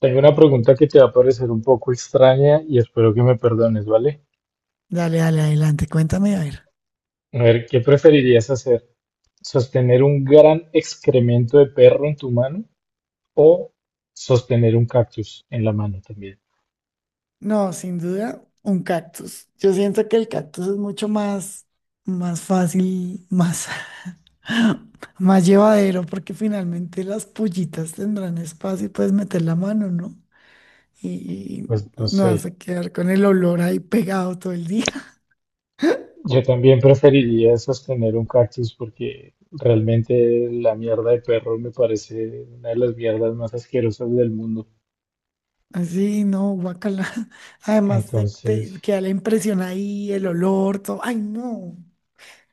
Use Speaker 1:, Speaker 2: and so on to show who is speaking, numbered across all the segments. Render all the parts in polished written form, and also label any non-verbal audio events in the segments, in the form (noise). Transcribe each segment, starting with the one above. Speaker 1: Tengo una pregunta que te va a parecer un poco extraña y espero que me perdones, ¿vale?
Speaker 2: Dale, dale, adelante, cuéntame, a ver.
Speaker 1: A ver, ¿qué preferirías hacer? ¿Sostener un gran excremento de perro en tu mano o sostener un cactus en la mano también?
Speaker 2: No, sin duda, un cactus. Yo siento que el cactus es mucho más fácil, (laughs) más llevadero, porque finalmente las pollitas tendrán espacio y puedes meter la mano, ¿no? Y, y
Speaker 1: Pues no
Speaker 2: no vas
Speaker 1: sé.
Speaker 2: a quedar con el olor ahí pegado todo el día.
Speaker 1: Yo también preferiría sostener un cactus porque realmente la mierda de perro me parece una de las mierdas más asquerosas del mundo.
Speaker 2: (laughs) Así, no, guacala. (laughs) Además, te,
Speaker 1: Entonces,
Speaker 2: te queda la impresión ahí, el olor, todo. Ay, no.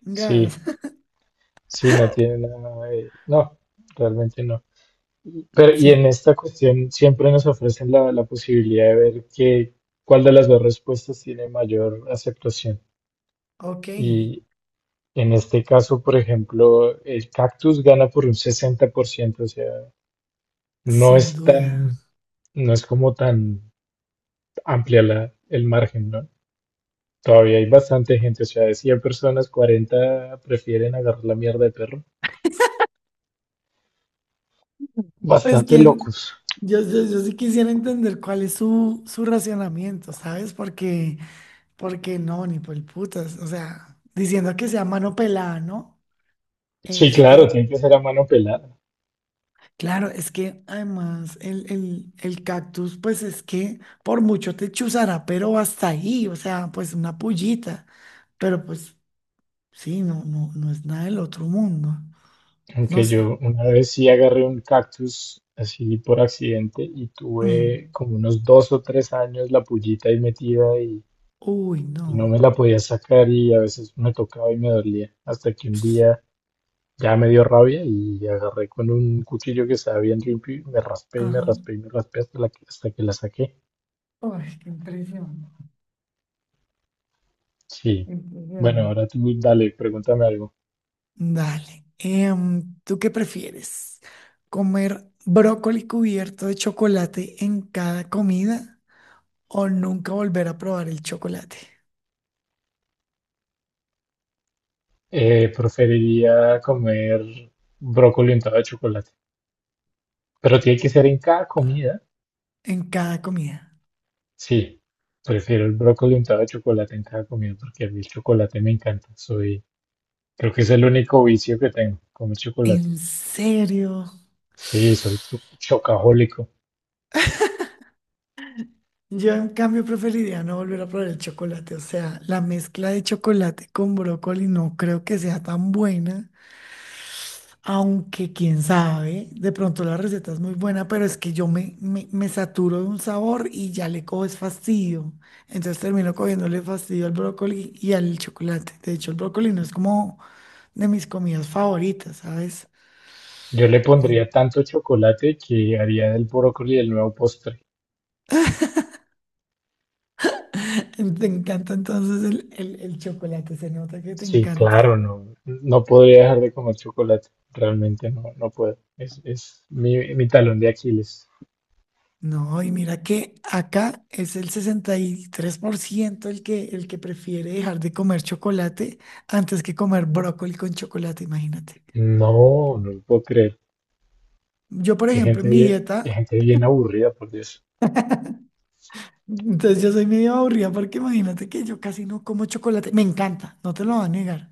Speaker 2: Gas.
Speaker 1: sí,
Speaker 2: (laughs)
Speaker 1: sí, no tiene nada de no, realmente no. Pero, y
Speaker 2: Sí,
Speaker 1: en esta cuestión siempre nos ofrecen la posibilidad de ver cuál de las dos respuestas tiene mayor aceptación.
Speaker 2: ok,
Speaker 1: Y en este caso, por ejemplo, el cactus gana por un 60%, o sea, no
Speaker 2: sin
Speaker 1: es
Speaker 2: duda.
Speaker 1: tan, no es como tan amplia el margen, ¿no? Todavía hay bastante gente, o sea, de 100 personas, 40 prefieren agarrar la mierda de perro.
Speaker 2: Pues
Speaker 1: Bastante
Speaker 2: quien,
Speaker 1: locos.
Speaker 2: yo sí quisiera entender cuál es su racionamiento, ¿sabes? Porque, porque no, ni por el putas, o sea, diciendo que sea mano pelada, ¿no?
Speaker 1: Sí,
Speaker 2: Es
Speaker 1: claro,
Speaker 2: que,
Speaker 1: tiene que ser a mano pelada.
Speaker 2: claro, es que además el cactus, pues es que por mucho te chuzará, pero hasta ahí, o sea, pues una pullita, pero pues sí, no, no, no es nada del otro mundo, no
Speaker 1: Aunque
Speaker 2: sé.
Speaker 1: yo una vez sí agarré un cactus así por accidente y
Speaker 2: Mm.
Speaker 1: tuve como unos 2 o 3 años la pullita ahí metida
Speaker 2: Uy,
Speaker 1: y no
Speaker 2: no.
Speaker 1: me la podía sacar y a veces me tocaba y me dolía. Hasta que un día ya me dio rabia y agarré con un cuchillo que estaba bien limpio y me raspé y me
Speaker 2: Ajá.
Speaker 1: raspé y me raspé hasta hasta que la saqué.
Speaker 2: Uy, qué impresión. Qué
Speaker 1: Sí. Bueno,
Speaker 2: impresión.
Speaker 1: ahora tú dale, pregúntame algo.
Speaker 2: Dale. ¿Tú qué prefieres? ¿Comer brócoli cubierto de chocolate en cada comida o nunca volver a probar el chocolate
Speaker 1: Preferiría comer brócoli untado de chocolate. Pero tiene que ser en cada comida.
Speaker 2: en cada comida?
Speaker 1: Sí, prefiero el brócoli untado de chocolate en cada comida porque a mí el chocolate me encanta. Creo que es el único vicio que tengo, comer chocolate.
Speaker 2: ¿En serio?
Speaker 1: Sí, soy chocajólico.
Speaker 2: Yo en cambio preferiría no volver a probar el chocolate. O sea, la mezcla de chocolate con brócoli no creo que sea tan buena. Aunque quién sabe, de pronto la receta es muy buena, pero es que yo me saturo de un sabor y ya le coges fastidio. Entonces termino cogiéndole fastidio al brócoli y al chocolate. De hecho, el brócoli no es como de mis comidas favoritas, ¿sabes?
Speaker 1: Yo le
Speaker 2: Eh,
Speaker 1: pondría tanto chocolate que haría del brócoli el nuevo postre.
Speaker 2: Te encanta entonces el chocolate, se nota que te
Speaker 1: Sí,
Speaker 2: encanta.
Speaker 1: claro, no, no podría dejar de comer chocolate. Realmente no, no puedo. Es mi talón de Aquiles.
Speaker 2: No, y mira que acá es el 63% el que prefiere dejar de comer chocolate antes que comer brócoli con chocolate, imagínate.
Speaker 1: No, no lo puedo creer.
Speaker 2: Yo, por ejemplo, en mi
Speaker 1: Qué
Speaker 2: dieta,
Speaker 1: gente bien aburrida, por Dios.
Speaker 2: entonces yo soy medio aburrida porque imagínate que yo casi no como chocolate. Me encanta, no te lo voy a negar.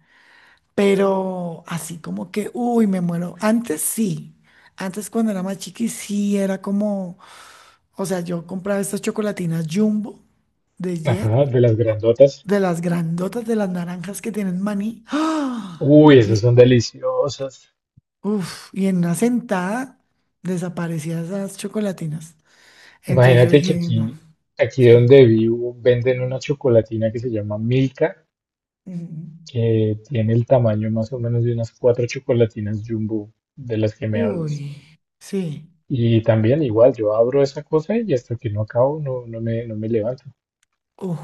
Speaker 2: Pero así como que, uy, me muero. Antes sí. Antes cuando era más chiqui, sí era como, o sea, yo compraba estas chocolatinas Jumbo de Jet,
Speaker 1: Ajá, de las
Speaker 2: o-
Speaker 1: grandotas.
Speaker 2: de las grandotas, de las naranjas que tienen maní. ¡Ah!
Speaker 1: Uy, esas
Speaker 2: Y,
Speaker 1: son deliciosas.
Speaker 2: uf, y en una sentada desaparecían esas chocolatinas. Entonces yo
Speaker 1: Imagínate que
Speaker 2: dije,
Speaker 1: aquí,
Speaker 2: no,
Speaker 1: aquí
Speaker 2: sí.
Speaker 1: donde vivo, venden una chocolatina que se llama Milka,
Speaker 2: Mm,
Speaker 1: que tiene el tamaño más o menos de unas 4 chocolatinas Jumbo de las que me hablas.
Speaker 2: uy, sí.
Speaker 1: Y también igual, yo abro esa cosa y hasta que no acabo, no me levanto.
Speaker 2: Uf,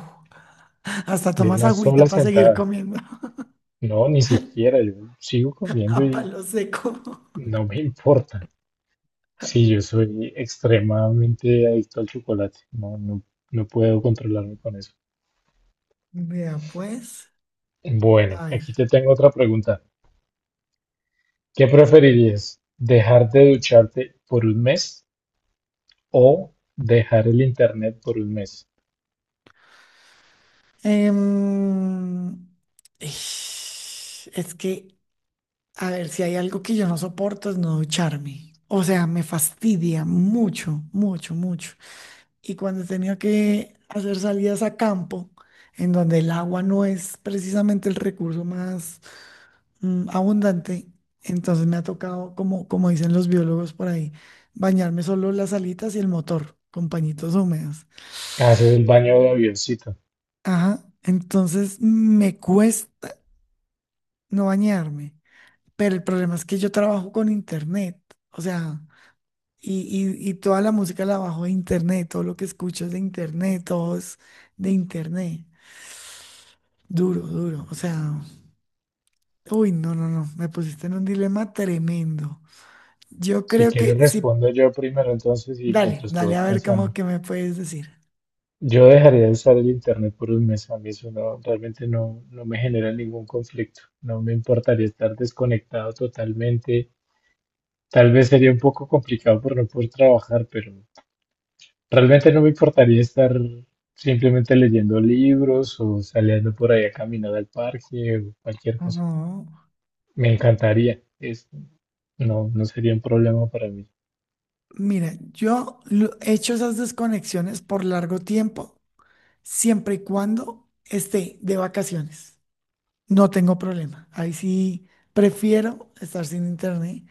Speaker 2: hasta
Speaker 1: De
Speaker 2: tomas
Speaker 1: una
Speaker 2: agüita
Speaker 1: sola
Speaker 2: para seguir
Speaker 1: sentada.
Speaker 2: comiendo
Speaker 1: No, ni siquiera, yo sigo
Speaker 2: (laughs) a
Speaker 1: comiendo y
Speaker 2: palo seco.
Speaker 1: no me (laughs) importa. Sí, yo soy extremadamente adicto al chocolate. No, no, no puedo controlarme con eso.
Speaker 2: Vea, pues,
Speaker 1: Bueno,
Speaker 2: a ver.
Speaker 1: aquí te tengo otra pregunta. ¿Qué preferirías? ¿Dejar de ducharte por un mes o dejar el internet por un mes?
Speaker 2: Em, es que, a ver, si hay algo que yo no soporto es no ducharme. O sea, me fastidia mucho, mucho, mucho. Y cuando he tenido que hacer salidas a campo, en donde el agua no es precisamente el recurso más abundante, entonces me ha tocado, como, como dicen los biólogos por ahí, bañarme solo las alitas y el motor con pañitos húmedos.
Speaker 1: Haces el baño de avioncito.
Speaker 2: Ajá, entonces me cuesta no bañarme, pero el problema es que yo trabajo con internet, o sea, y, y toda la música la bajo de internet, todo lo que escucho es de internet, todo es de internet. Duro, duro, o sea, uy, no, no, no, me pusiste en un dilema tremendo. Yo
Speaker 1: Si
Speaker 2: creo
Speaker 1: quieres,
Speaker 2: que si
Speaker 1: respondo yo primero entonces y
Speaker 2: Dale,
Speaker 1: mientras tú
Speaker 2: dale,
Speaker 1: vas
Speaker 2: a ver cómo
Speaker 1: pensando.
Speaker 2: que me puedes decir.
Speaker 1: Yo dejaría de usar el internet por un mes. A mí eso no, realmente no, no me genera ningún conflicto. No me importaría estar desconectado totalmente. Tal vez sería un poco complicado por no poder trabajar, pero realmente no me importaría estar simplemente leyendo libros o saliendo por ahí a caminar al parque o cualquier cosa.
Speaker 2: Ujú.
Speaker 1: Me encantaría. No, no sería un problema para mí.
Speaker 2: Mira, yo he hecho esas desconexiones por largo tiempo, siempre y cuando esté de vacaciones. No tengo problema. Ahí sí prefiero estar sin internet.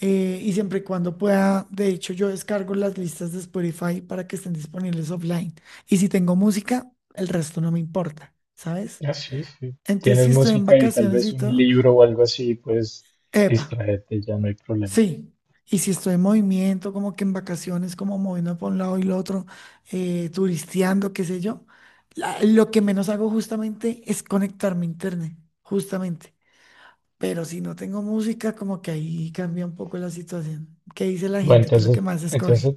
Speaker 2: Y siempre y cuando pueda, de hecho, yo descargo las listas de Spotify para que estén disponibles offline. Y si tengo música, el resto no me importa, ¿sabes?
Speaker 1: Ah, sí, sí.
Speaker 2: Entonces,
Speaker 1: Tienes
Speaker 2: si estoy en
Speaker 1: música y tal
Speaker 2: vacaciones
Speaker 1: vez
Speaker 2: y
Speaker 1: un
Speaker 2: todo,
Speaker 1: libro o algo así, pues
Speaker 2: epa,
Speaker 1: distraerte, ya no hay problema.
Speaker 2: sí, y si estoy en movimiento, como que en vacaciones, como moviendo por un lado y el otro, turisteando, qué sé yo, lo que menos hago justamente es conectarme a internet, justamente. Pero si no tengo música, como que ahí cambia un poco la situación. ¿Qué dice la
Speaker 1: Bueno,
Speaker 2: gente? ¿Qué es lo que
Speaker 1: entonces,
Speaker 2: más escoge?
Speaker 1: entonces,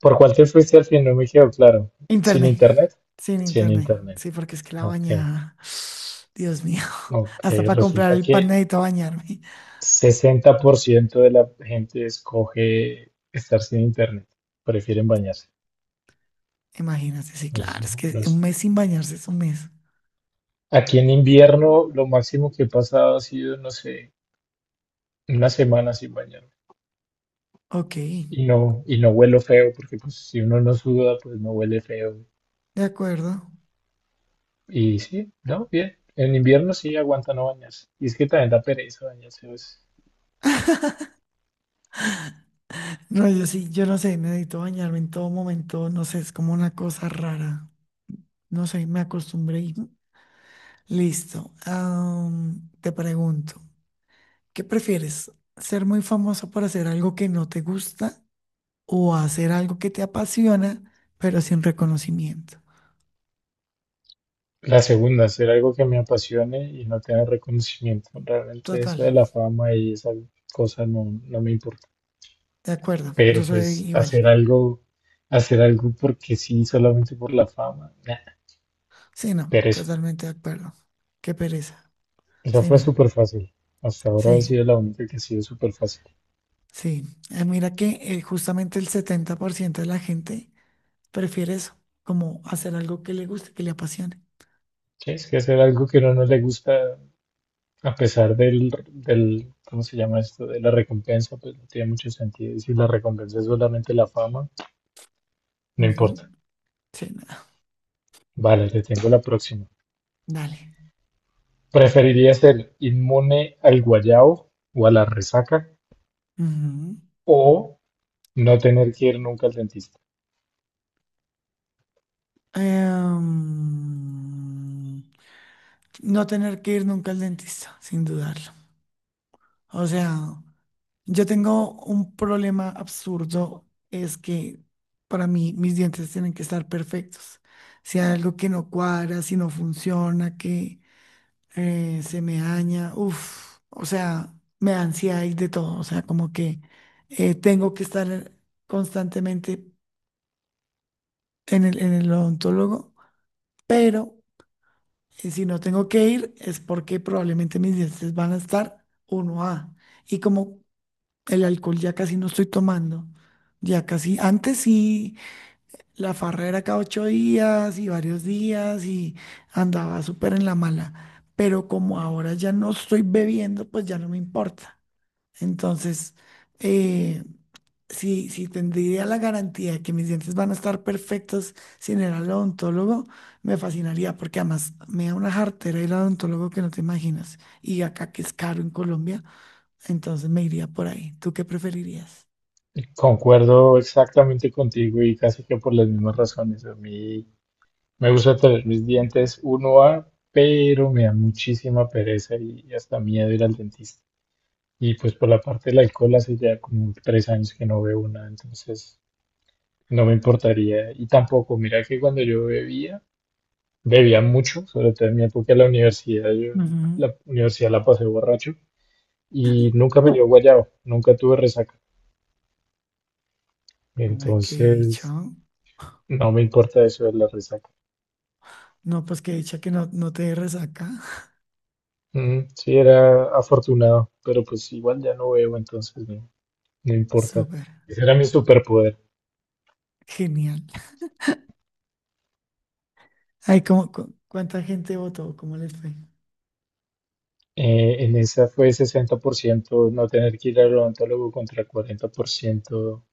Speaker 1: ¿por cuál te fuiste al fin? No me quedó claro. ¿Sin
Speaker 2: Internet,
Speaker 1: internet?
Speaker 2: sin
Speaker 1: Sin
Speaker 2: internet,
Speaker 1: internet.
Speaker 2: sí, porque es que la
Speaker 1: Ok,
Speaker 2: bañada, (sighs) Dios mío, (laughs)
Speaker 1: ok.
Speaker 2: hasta para comprar
Speaker 1: Resulta
Speaker 2: el pan
Speaker 1: que
Speaker 2: necesito bañarme.
Speaker 1: 60% de la gente escoge estar sin internet, prefieren bañarse.
Speaker 2: Imagínate, sí, claro,
Speaker 1: Entonces,
Speaker 2: es que
Speaker 1: no
Speaker 2: un
Speaker 1: es-
Speaker 2: mes sin bañarse es un mes.
Speaker 1: aquí en invierno lo máximo que he pasado ha sido, no sé, una semana sin bañarme.
Speaker 2: Ok.
Speaker 1: Y no huelo feo, porque pues si uno no suda, pues no huele feo.
Speaker 2: De acuerdo.
Speaker 1: Y sí, no, bien. En invierno sí aguanta no bañarse. Y es que también da pereza bañarse, pues.
Speaker 2: No, yo sí, yo no sé, me necesito bañarme en todo momento, no sé, es como una cosa rara. No sé, me acostumbré y listo. Te pregunto, ¿qué prefieres? ¿Ser muy famoso por hacer algo que no te gusta o hacer algo que te apasiona, pero sin reconocimiento?
Speaker 1: La segunda, hacer algo que me apasione y no tener reconocimiento. Realmente
Speaker 2: Total,
Speaker 1: eso de la fama y esa cosa no, no me importa.
Speaker 2: de acuerdo, yo
Speaker 1: Pero
Speaker 2: soy
Speaker 1: pues
Speaker 2: igual.
Speaker 1: hacer algo porque sí, solamente por la fama, nah,
Speaker 2: Sí, no,
Speaker 1: pero eso
Speaker 2: totalmente de acuerdo. Qué pereza.
Speaker 1: eso
Speaker 2: Sí,
Speaker 1: fue
Speaker 2: no,
Speaker 1: súper fácil. Hasta ahora ha
Speaker 2: sí,
Speaker 1: sido la única que ha sido súper fácil.
Speaker 2: sí. Mira que justamente el 70% de la gente prefiere eso, como hacer algo que le guste, que le apasione.
Speaker 1: Sí, es que hacer algo que a uno no le gusta, a pesar ¿cómo se llama esto? De la recompensa, pues no tiene mucho sentido. Y si la recompensa es solamente la fama, no
Speaker 2: Ujú,
Speaker 1: importa.
Speaker 2: sí, nada.
Speaker 1: Vale, le tengo la próxima.
Speaker 2: Dale.
Speaker 1: ¿Preferiría ser inmune al guayao o a la resaca
Speaker 2: Ujú.
Speaker 1: o no tener que ir nunca al dentista?
Speaker 2: Em, no tener que ir nunca al dentista, sin dudarlo. O sea, yo tengo un problema absurdo, es que para mí mis dientes tienen que estar perfectos. Si hay algo que no cuadra, si no funciona, que se me daña, uff, o sea, me da ansiedad y de todo, o sea, como que tengo que estar constantemente en el odontólogo, pero si no tengo que ir es porque probablemente mis dientes van a estar uno a y como el alcohol ya casi no estoy tomando, ya casi, antes sí, la farra era cada 8 días y varios días y andaba súper en la mala. Pero como ahora ya no estoy bebiendo, pues ya no me importa. Entonces, eh, si tendría la garantía de que mis dientes van a estar perfectos sin el odontólogo, me fascinaría, porque además me da una jartera el odontólogo que no te imaginas. Y acá que es caro en Colombia, entonces me iría por ahí. ¿Tú qué preferirías?
Speaker 1: Concuerdo exactamente contigo y casi que por las mismas razones. A mí me gusta tener mis dientes uno a, pero me da muchísima pereza y hasta miedo ir al dentista. Y pues por la parte del alcohol hace ya como 3 años que no veo una, entonces no me importaría. Y tampoco, mira que cuando yo bebía mucho, sobre todo en mi época de la universidad, yo
Speaker 2: Ujú.
Speaker 1: la universidad la pasé borracho y nunca me dio guayabo, nunca tuve resaca.
Speaker 2: Ay, qué
Speaker 1: Entonces
Speaker 2: dicho.
Speaker 1: no me importa eso de la resaca.
Speaker 2: No, pues qué dicha que no, no te dé resaca. (laughs)
Speaker 1: Mm, sí, era afortunado, pero pues igual ya no veo, entonces no, no importa.
Speaker 2: Súper.
Speaker 1: Ese era mi superpoder.
Speaker 2: Genial. Ay, ¿cómo, cu- cuánta gente votó? ¿Cómo les fue?
Speaker 1: En esa fue 60% no tener que ir al odontólogo contra 40%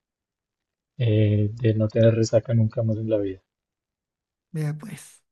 Speaker 1: de no tener resaca nunca más en la vida.
Speaker 2: Vea pues.